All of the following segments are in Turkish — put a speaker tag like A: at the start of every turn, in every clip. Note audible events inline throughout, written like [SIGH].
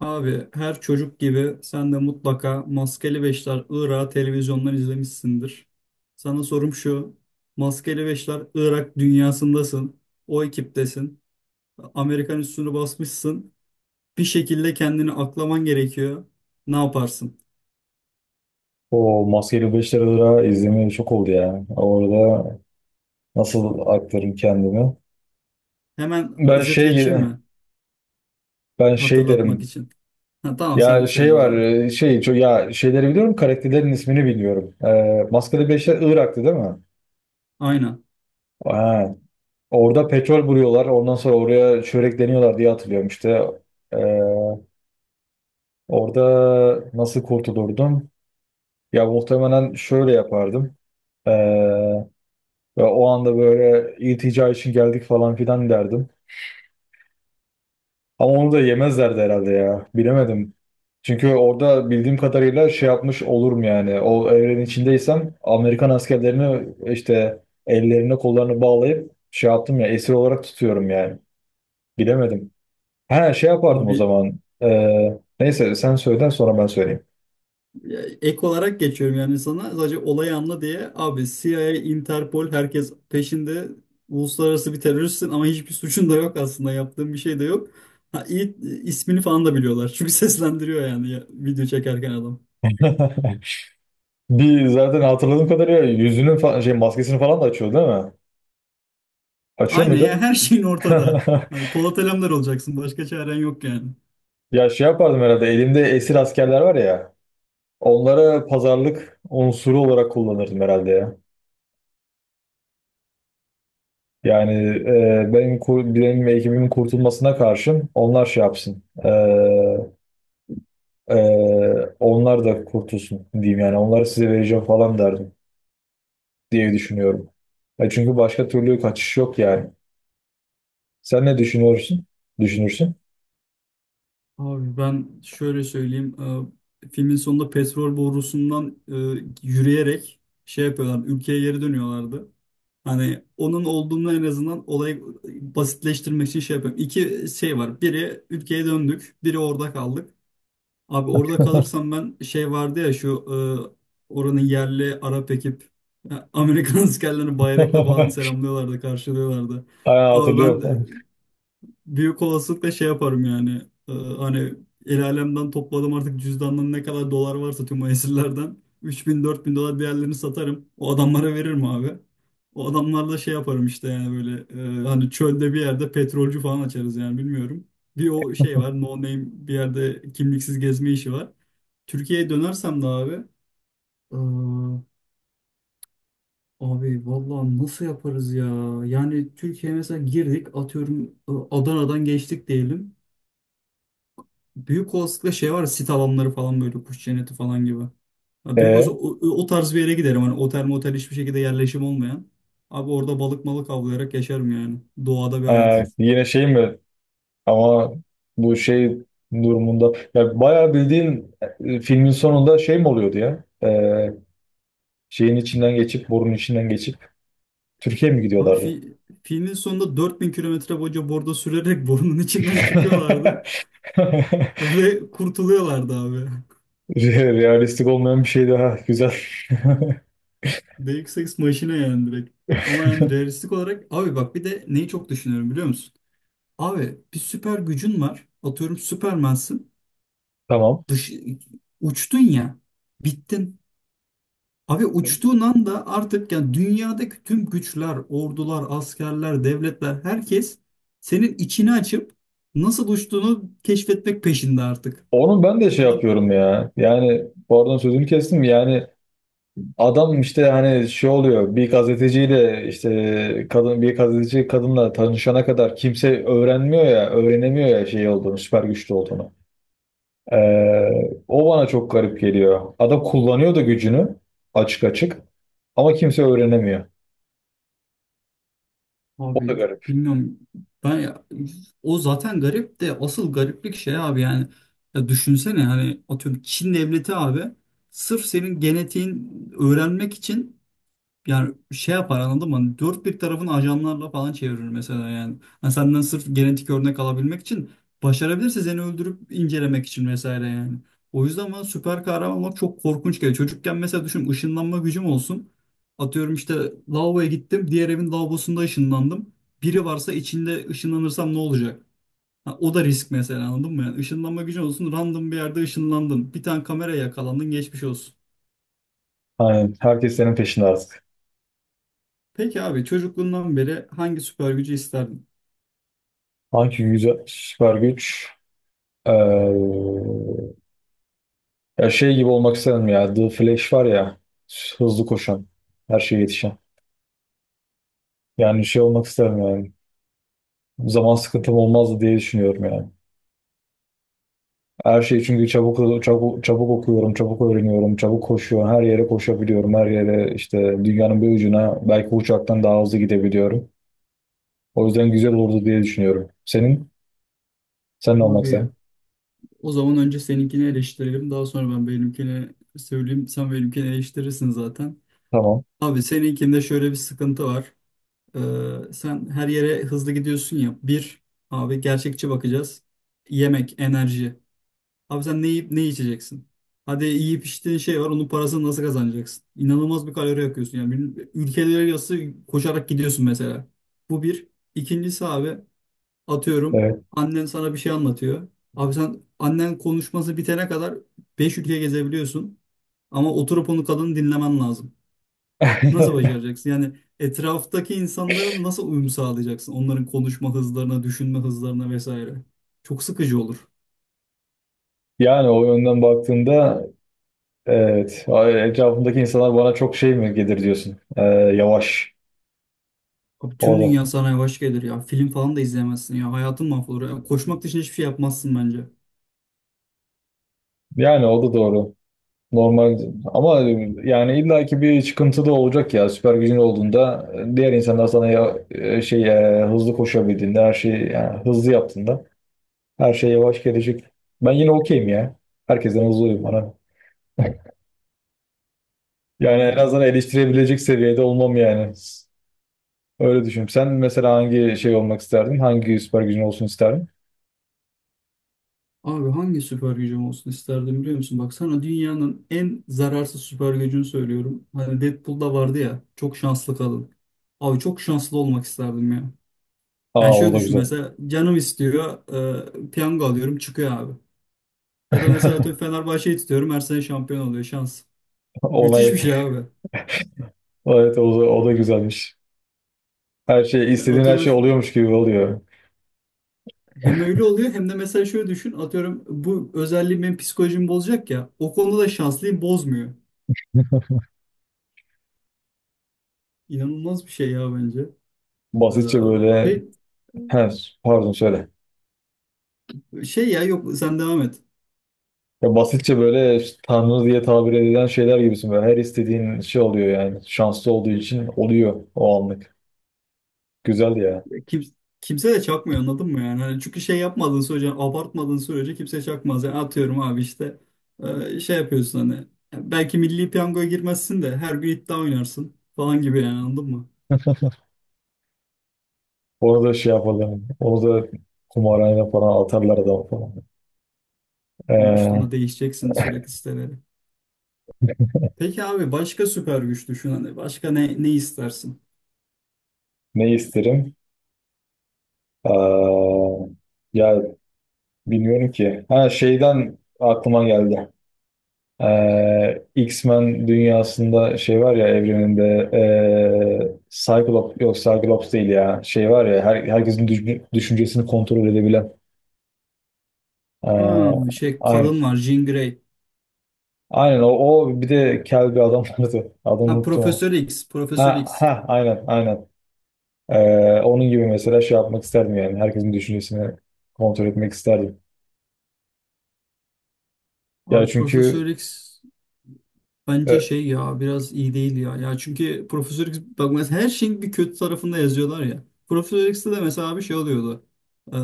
A: Abi her çocuk gibi sen de mutlaka Maskeli Beşler Irak'ı televizyondan izlemişsindir. Sana sorum şu. Maskeli Beşler Irak dünyasındasın. O ekiptesin. Amerikan üstünü basmışsın. Bir şekilde kendini aklaman gerekiyor. Ne yaparsın?
B: O maskeli 5 lira izleme çok oldu ya. Orada nasıl aktarım kendimi?
A: Hemen
B: Ben
A: özet
B: şey
A: geçeyim mi?
B: ben şey
A: Hatırlatmak
B: derim.
A: için. Ha, tamam sen
B: Ya şey
A: söyle o
B: var
A: zaman.
B: ya şeyleri biliyorum, karakterlerin ismini bilmiyorum. Maskeli Beşler Irak'tı, değil mi?
A: Aynen.
B: Ha. Orada petrol vuruyorlar. Ondan sonra oraya çörekleniyorlar diye hatırlıyorum işte. Ee, orada nasıl kurtulurdum? Ya muhtemelen şöyle yapardım. Ee, ve o anda böyle iltica için geldik falan filan derdim. Ama onu da yemezlerdi herhalde ya. Bilemedim. Çünkü orada bildiğim kadarıyla şey yapmış olurum yani. O evrenin içindeysem Amerikan askerlerini işte ellerine kollarını bağlayıp şey yaptım ya, esir olarak tutuyorum yani. Bilemedim. Ha şey yapardım o
A: Abi,
B: zaman. Neyse sen söyle, sonra ben söyleyeyim.
A: ya, ek olarak geçiyorum yani, sana sadece olayı anla diye abi. CIA, Interpol, herkes peşinde. Uluslararası bir teröristsin ama hiçbir suçun da yok, aslında yaptığın bir şey de yok. Ha, iyi, ismini falan da biliyorlar [LAUGHS] çünkü seslendiriyor yani ya, video çekerken adam.
B: Bir zaten hatırladığım kadarıyla şey maskesini falan da açıyor, değil mi? Açıyor
A: Aynen ya,
B: muydu?
A: her şeyin ortada.
B: [LAUGHS]
A: Hani Polat Alemdar olacaksın, başka çaren yok yani.
B: Ya şey yapardım herhalde, elimde esir askerler var ya, onlara pazarlık unsuru olarak kullanırdım herhalde ya. Yani benim ve ekibimin kurtulmasına karşın onlar şey yapsın. E, onlar da kurtulsun diyeyim, yani onları size vereceğim falan derdim diye düşünüyorum. E çünkü başka türlü kaçış yok yani. Sen ne düşünüyorsun? Düşünürsün.
A: Abi ben şöyle söyleyeyim. Filmin sonunda petrol borusundan yürüyerek şey yapıyorlar. Ülkeye geri dönüyorlardı. Hani onun olduğunu, en azından olayı basitleştirmek için şey yapıyorum. İki şey var. Biri ülkeye döndük, biri orada kaldık. Abi orada kalırsam ben şey vardı ya şu oranın yerli Arap ekip, ya, Amerikan [LAUGHS] askerlerini bayrakla falan
B: [LAUGHS]
A: selamlıyorlardı, karşılıyorlardı.
B: Aynen
A: Abi ben
B: hatırlıyorum. [LAUGHS]
A: büyük olasılıkla şey yaparım yani. Hani el alemden topladım artık, cüzdandan ne kadar dolar varsa tüm o esirlerden. 3.000 4.000 dolar değerlerini satarım. O adamlara veririm abi. O adamlarla şey yaparım işte yani, böyle hani çölde bir yerde petrolcü falan açarız yani, bilmiyorum. Bir o şey var, no name bir yerde kimliksiz gezme işi var. Türkiye'ye dönersem de abi, aa, abi vallahi nasıl yaparız ya? Yani Türkiye'ye mesela girdik, atıyorum Adana'dan geçtik diyelim. Büyük olasılıkla şey var ya, sit alanları falan böyle kuş cenneti falan gibi. Ya büyük olsa
B: E,
A: o, o tarz bir yere giderim. Hani otel motel hiçbir şekilde yerleşim olmayan. Abi orada balık malık avlayarak yaşarım yani. Doğada bir hayat.
B: yine şey mi? Ama bu şey durumunda ya bayağı bildiğin, filmin sonunda şey mi oluyordu ya? Şeyin içinden geçip, borunun içinden geçip Türkiye'ye mi
A: Abi
B: gidiyorlardı?
A: filmin sonunda 4.000 kilometre boyunca bordo sürerek [LAUGHS] borunun içinden çıkıyorlardı.
B: [LAUGHS]
A: [LAUGHS] Ve kurtuluyorlardı abi.
B: Realistik olmayan bir şey daha güzel.
A: Deus Ex maşine yani direkt. Ama yani
B: [LAUGHS]
A: realistik olarak abi bak, bir de neyi çok düşünüyorum biliyor musun? Abi bir süper gücün var. Atıyorum Süpermensin.
B: Tamam.
A: dış, Uçtun ya, bittin. Abi uçtuğun anda artık yani dünyadaki tüm güçler, ordular, askerler, devletler, herkes senin içini açıp nasıl uçtuğunu keşfetmek peşinde artık.
B: Onu ben de şey
A: Anladın mı?
B: yapıyorum ya. Yani bu arada sözünü kestim. Yani adam işte hani şey oluyor, bir gazeteciyle, işte kadın bir gazeteci kadınla tanışana kadar kimse öğrenmiyor ya, öğrenemiyor ya şey olduğunu, süper güçlü olduğunu. O bana çok garip geliyor. Adam kullanıyor da gücünü açık açık ama kimse öğrenemiyor. O da
A: Abi
B: garip.
A: bilmiyorum. Ben ya- O zaten garip, de asıl gariplik şey abi yani, ya düşünsene hani atıyorum Çin devleti abi sırf senin genetiğin öğrenmek için. Yani şey yapar, anladın mı? Hani dört bir tarafını ajanlarla falan çevirir mesela yani. Hani senden sırf genetik örnek alabilmek için, başarabilirse seni öldürüp incelemek için vesaire yani. O yüzden bana süper kahraman olmak çok korkunç geliyor. Çocukken mesela düşün, ışınlanma gücüm olsun. Atıyorum işte lavaboya gittim. Diğer evin lavabosunda ışınlandım. Biri varsa içinde ışınlanırsam ne olacak? Ha, o da risk mesela, anladın mı? Yani ışınlanma gücün olsun, random bir yerde ışınlandın, bir tane kameraya yakalandın, geçmiş olsun.
B: Hani herkes senin peşinde artık.
A: Peki abi, çocukluğundan beri hangi süper gücü isterdin?
B: Hangi güzel süper güç? Ee, ya şey gibi olmak isterim ya, The Flash var ya, hızlı koşan, her şeye yetişen. Yani şey olmak isterim yani. Zaman sıkıntım olmazdı diye düşünüyorum yani. Her şeyi çünkü çabuk çabuk çabuk okuyorum, çabuk öğreniyorum, çabuk koşuyorum. Her yere koşabiliyorum. Her yere işte, dünyanın bir ucuna belki bu uçaktan daha hızlı gidebiliyorum. O yüzden güzel olurdu diye düşünüyorum. Senin? Sen ne olmak
A: Abi
B: sen?
A: o zaman önce seninkini eleştirelim. Daha sonra ben benimkini söyleyeyim. Sen benimkini eleştirirsin zaten.
B: Tamam.
A: Abi seninkinde şöyle bir sıkıntı var. Sen her yere hızlı gidiyorsun ya. Bir, abi gerçekçi bakacağız. Yemek, enerji. Abi sen ne yiyip ne içeceksin? Hadi yiyip içtiğin şey var. Onun parasını nasıl kazanacaksın? İnanılmaz bir kalori yakıyorsun. Yani ülkeler arası koşarak gidiyorsun mesela. Bu bir. İkincisi abi. Atıyorum
B: Evet.
A: annen sana bir şey anlatıyor. Abi sen annen konuşması bitene kadar 5 ülke gezebiliyorsun. Ama oturup onu, kadını dinlemen lazım. Nasıl
B: [LAUGHS]
A: başaracaksın? Yani etraftaki insanların nasıl uyum sağlayacaksın? Onların konuşma hızlarına, düşünme hızlarına vesaire. Çok sıkıcı olur.
B: Yani o yönden baktığında evet. Etrafımdaki insanlar bana çok şey mi gelir diyorsun. Yavaş.
A: Abi
B: O
A: tüm
B: da.
A: dünya sana yavaş gelir ya. Film falan da izleyemezsin ya. Hayatın mahvolur ya. Koşmak dışında hiçbir şey yapmazsın bence.
B: Yani o da doğru. Normal ama yani illaki bir çıkıntı da olacak ya, süper gücün olduğunda diğer insanlar sana ya, hızlı koşabildiğinde, her şeyi yani hızlı yaptığında her şey yavaş gelecek. Ben yine okeyim ya. Herkesten hızlıyım bana. Yani en
A: Abi,
B: azından eleştirebilecek seviyede olmam yani. Öyle düşünüyorum. Sen mesela hangi şey olmak isterdin? Hangi süper gücün olsun isterdin?
A: abi hangi süper gücüm olsun isterdim biliyor musun? Bak sana dünyanın en zararsız süper gücünü söylüyorum. Hani Deadpool'da vardı ya, çok şanslı kadın. Abi çok şanslı olmak isterdim ya.
B: Aa,
A: Yani
B: o
A: şöyle
B: da
A: düşün,
B: güzel.
A: mesela canım istiyor, piyango alıyorum çıkıyor abi. Ya da mesela atıyorum
B: [LAUGHS]
A: Fenerbahçe'yi tutuyorum, her sene şampiyon oluyor, şans.
B: Ona
A: Müthiş bir
B: yet.
A: şey abi.
B: Evet, o da, o da güzelmiş. Her şey,
A: Yani
B: istediğin her
A: atıyorum
B: şey oluyormuş gibi oluyor.
A: hem öyle oluyor, hem de mesela şöyle düşün, atıyorum bu özelliği benim psikolojimi bozacak ya, o konuda da şanslıyım, bozmuyor. İnanılmaz bir şey ya bence. Ee,
B: Basitçe böyle.
A: Peki.
B: He, pardon söyle.
A: Şey ya, yok, sen devam et.
B: Ya basitçe böyle işte tanrı diye tabir edilen şeyler gibisin böyle. Her istediğin şey oluyor yani. Şanslı olduğu için oluyor o anlık. Güzel ya.
A: Kim, kimse de çakmıyor, anladın mı yani? Hani çünkü şey yapmadığın sürece, abartmadığın sürece kimse çakmaz. Yani atıyorum abi işte şey yapıyorsun hani. Belki milli piyangoya girmezsin de her gün iddia oynarsın falan gibi yani, anladın mı?
B: Orada şey yapalım. Orada kumarhane falan atarlar adam falan.
A: Ama işte onu
B: Ee,
A: değişeceksin sürekli, siteleri. Peki abi, başka süper güç düşün hani. Başka ne, ne istersin?
B: ne isterim? Ee, ya bilmiyorum ki. Ha, şeyden aklıma geldi. X-Men dünyasında şey var ya, evreninde Cyclops, yok Cyclops değil ya, şey var ya herkesin düşüncesini kontrol edebilen.
A: Ha,
B: Ee,
A: şey
B: aynen.
A: kadın var, Jean Grey.
B: Aynen o, o bir de kel bir adam [LAUGHS] vardı. Adını
A: Ha,
B: unuttum ama.
A: Profesör X, Profesör
B: Ha
A: X.
B: ha, aynen aynen. Onun gibi mesela şey yapmak isterdim yani. Herkesin düşüncesini kontrol etmek isterdim. Ya
A: Abi
B: çünkü
A: Profesör X. Bence
B: e,
A: şey ya biraz iyi değil ya. Ya çünkü Profesör X, bak mesela her şeyin bir kötü tarafında yazıyorlar ya. Profesör X'te de mesela bir şey oluyordu. Ee,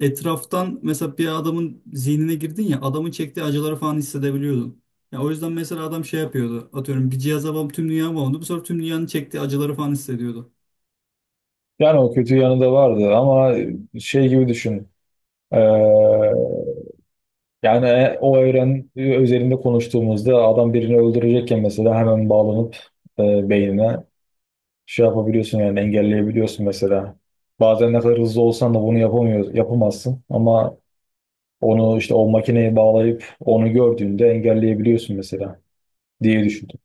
A: Etraftan mesela bir adamın zihnine girdin ya, adamın çektiği acıları falan hissedebiliyordun. Ya o yüzden mesela adam şey yapıyordu. Atıyorum bir cihaza bağım, tüm dünya bağımlı. Bu sefer tüm dünyanın çektiği acıları falan hissediyordu.
B: yani o kötü yanı da vardı ama şey gibi düşün. Ee, yani o evren üzerinde konuştuğumuzda adam birini öldürecekken mesela hemen bağlanıp beynine şey yapabiliyorsun, yani engelleyebiliyorsun mesela. Bazen ne kadar hızlı olsan da bunu yapamazsın ama onu işte o makineye bağlayıp onu gördüğünde engelleyebiliyorsun mesela diye düşündüm.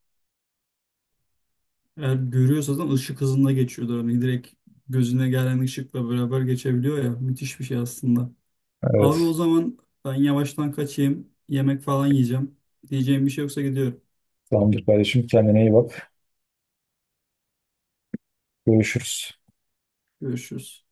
A: Eğer görüyorsa zaten ışık hızında geçiyordu. Hani direkt gözüne gelen ışıkla beraber geçebiliyor ya. Müthiş bir şey aslında. Abi o
B: Evet.
A: zaman ben yavaştan kaçayım. Yemek falan yiyeceğim. Diyeceğim bir şey yoksa gidiyorum.
B: Tamamdır kardeşim, kendine iyi bak. Görüşürüz.
A: Görüşürüz.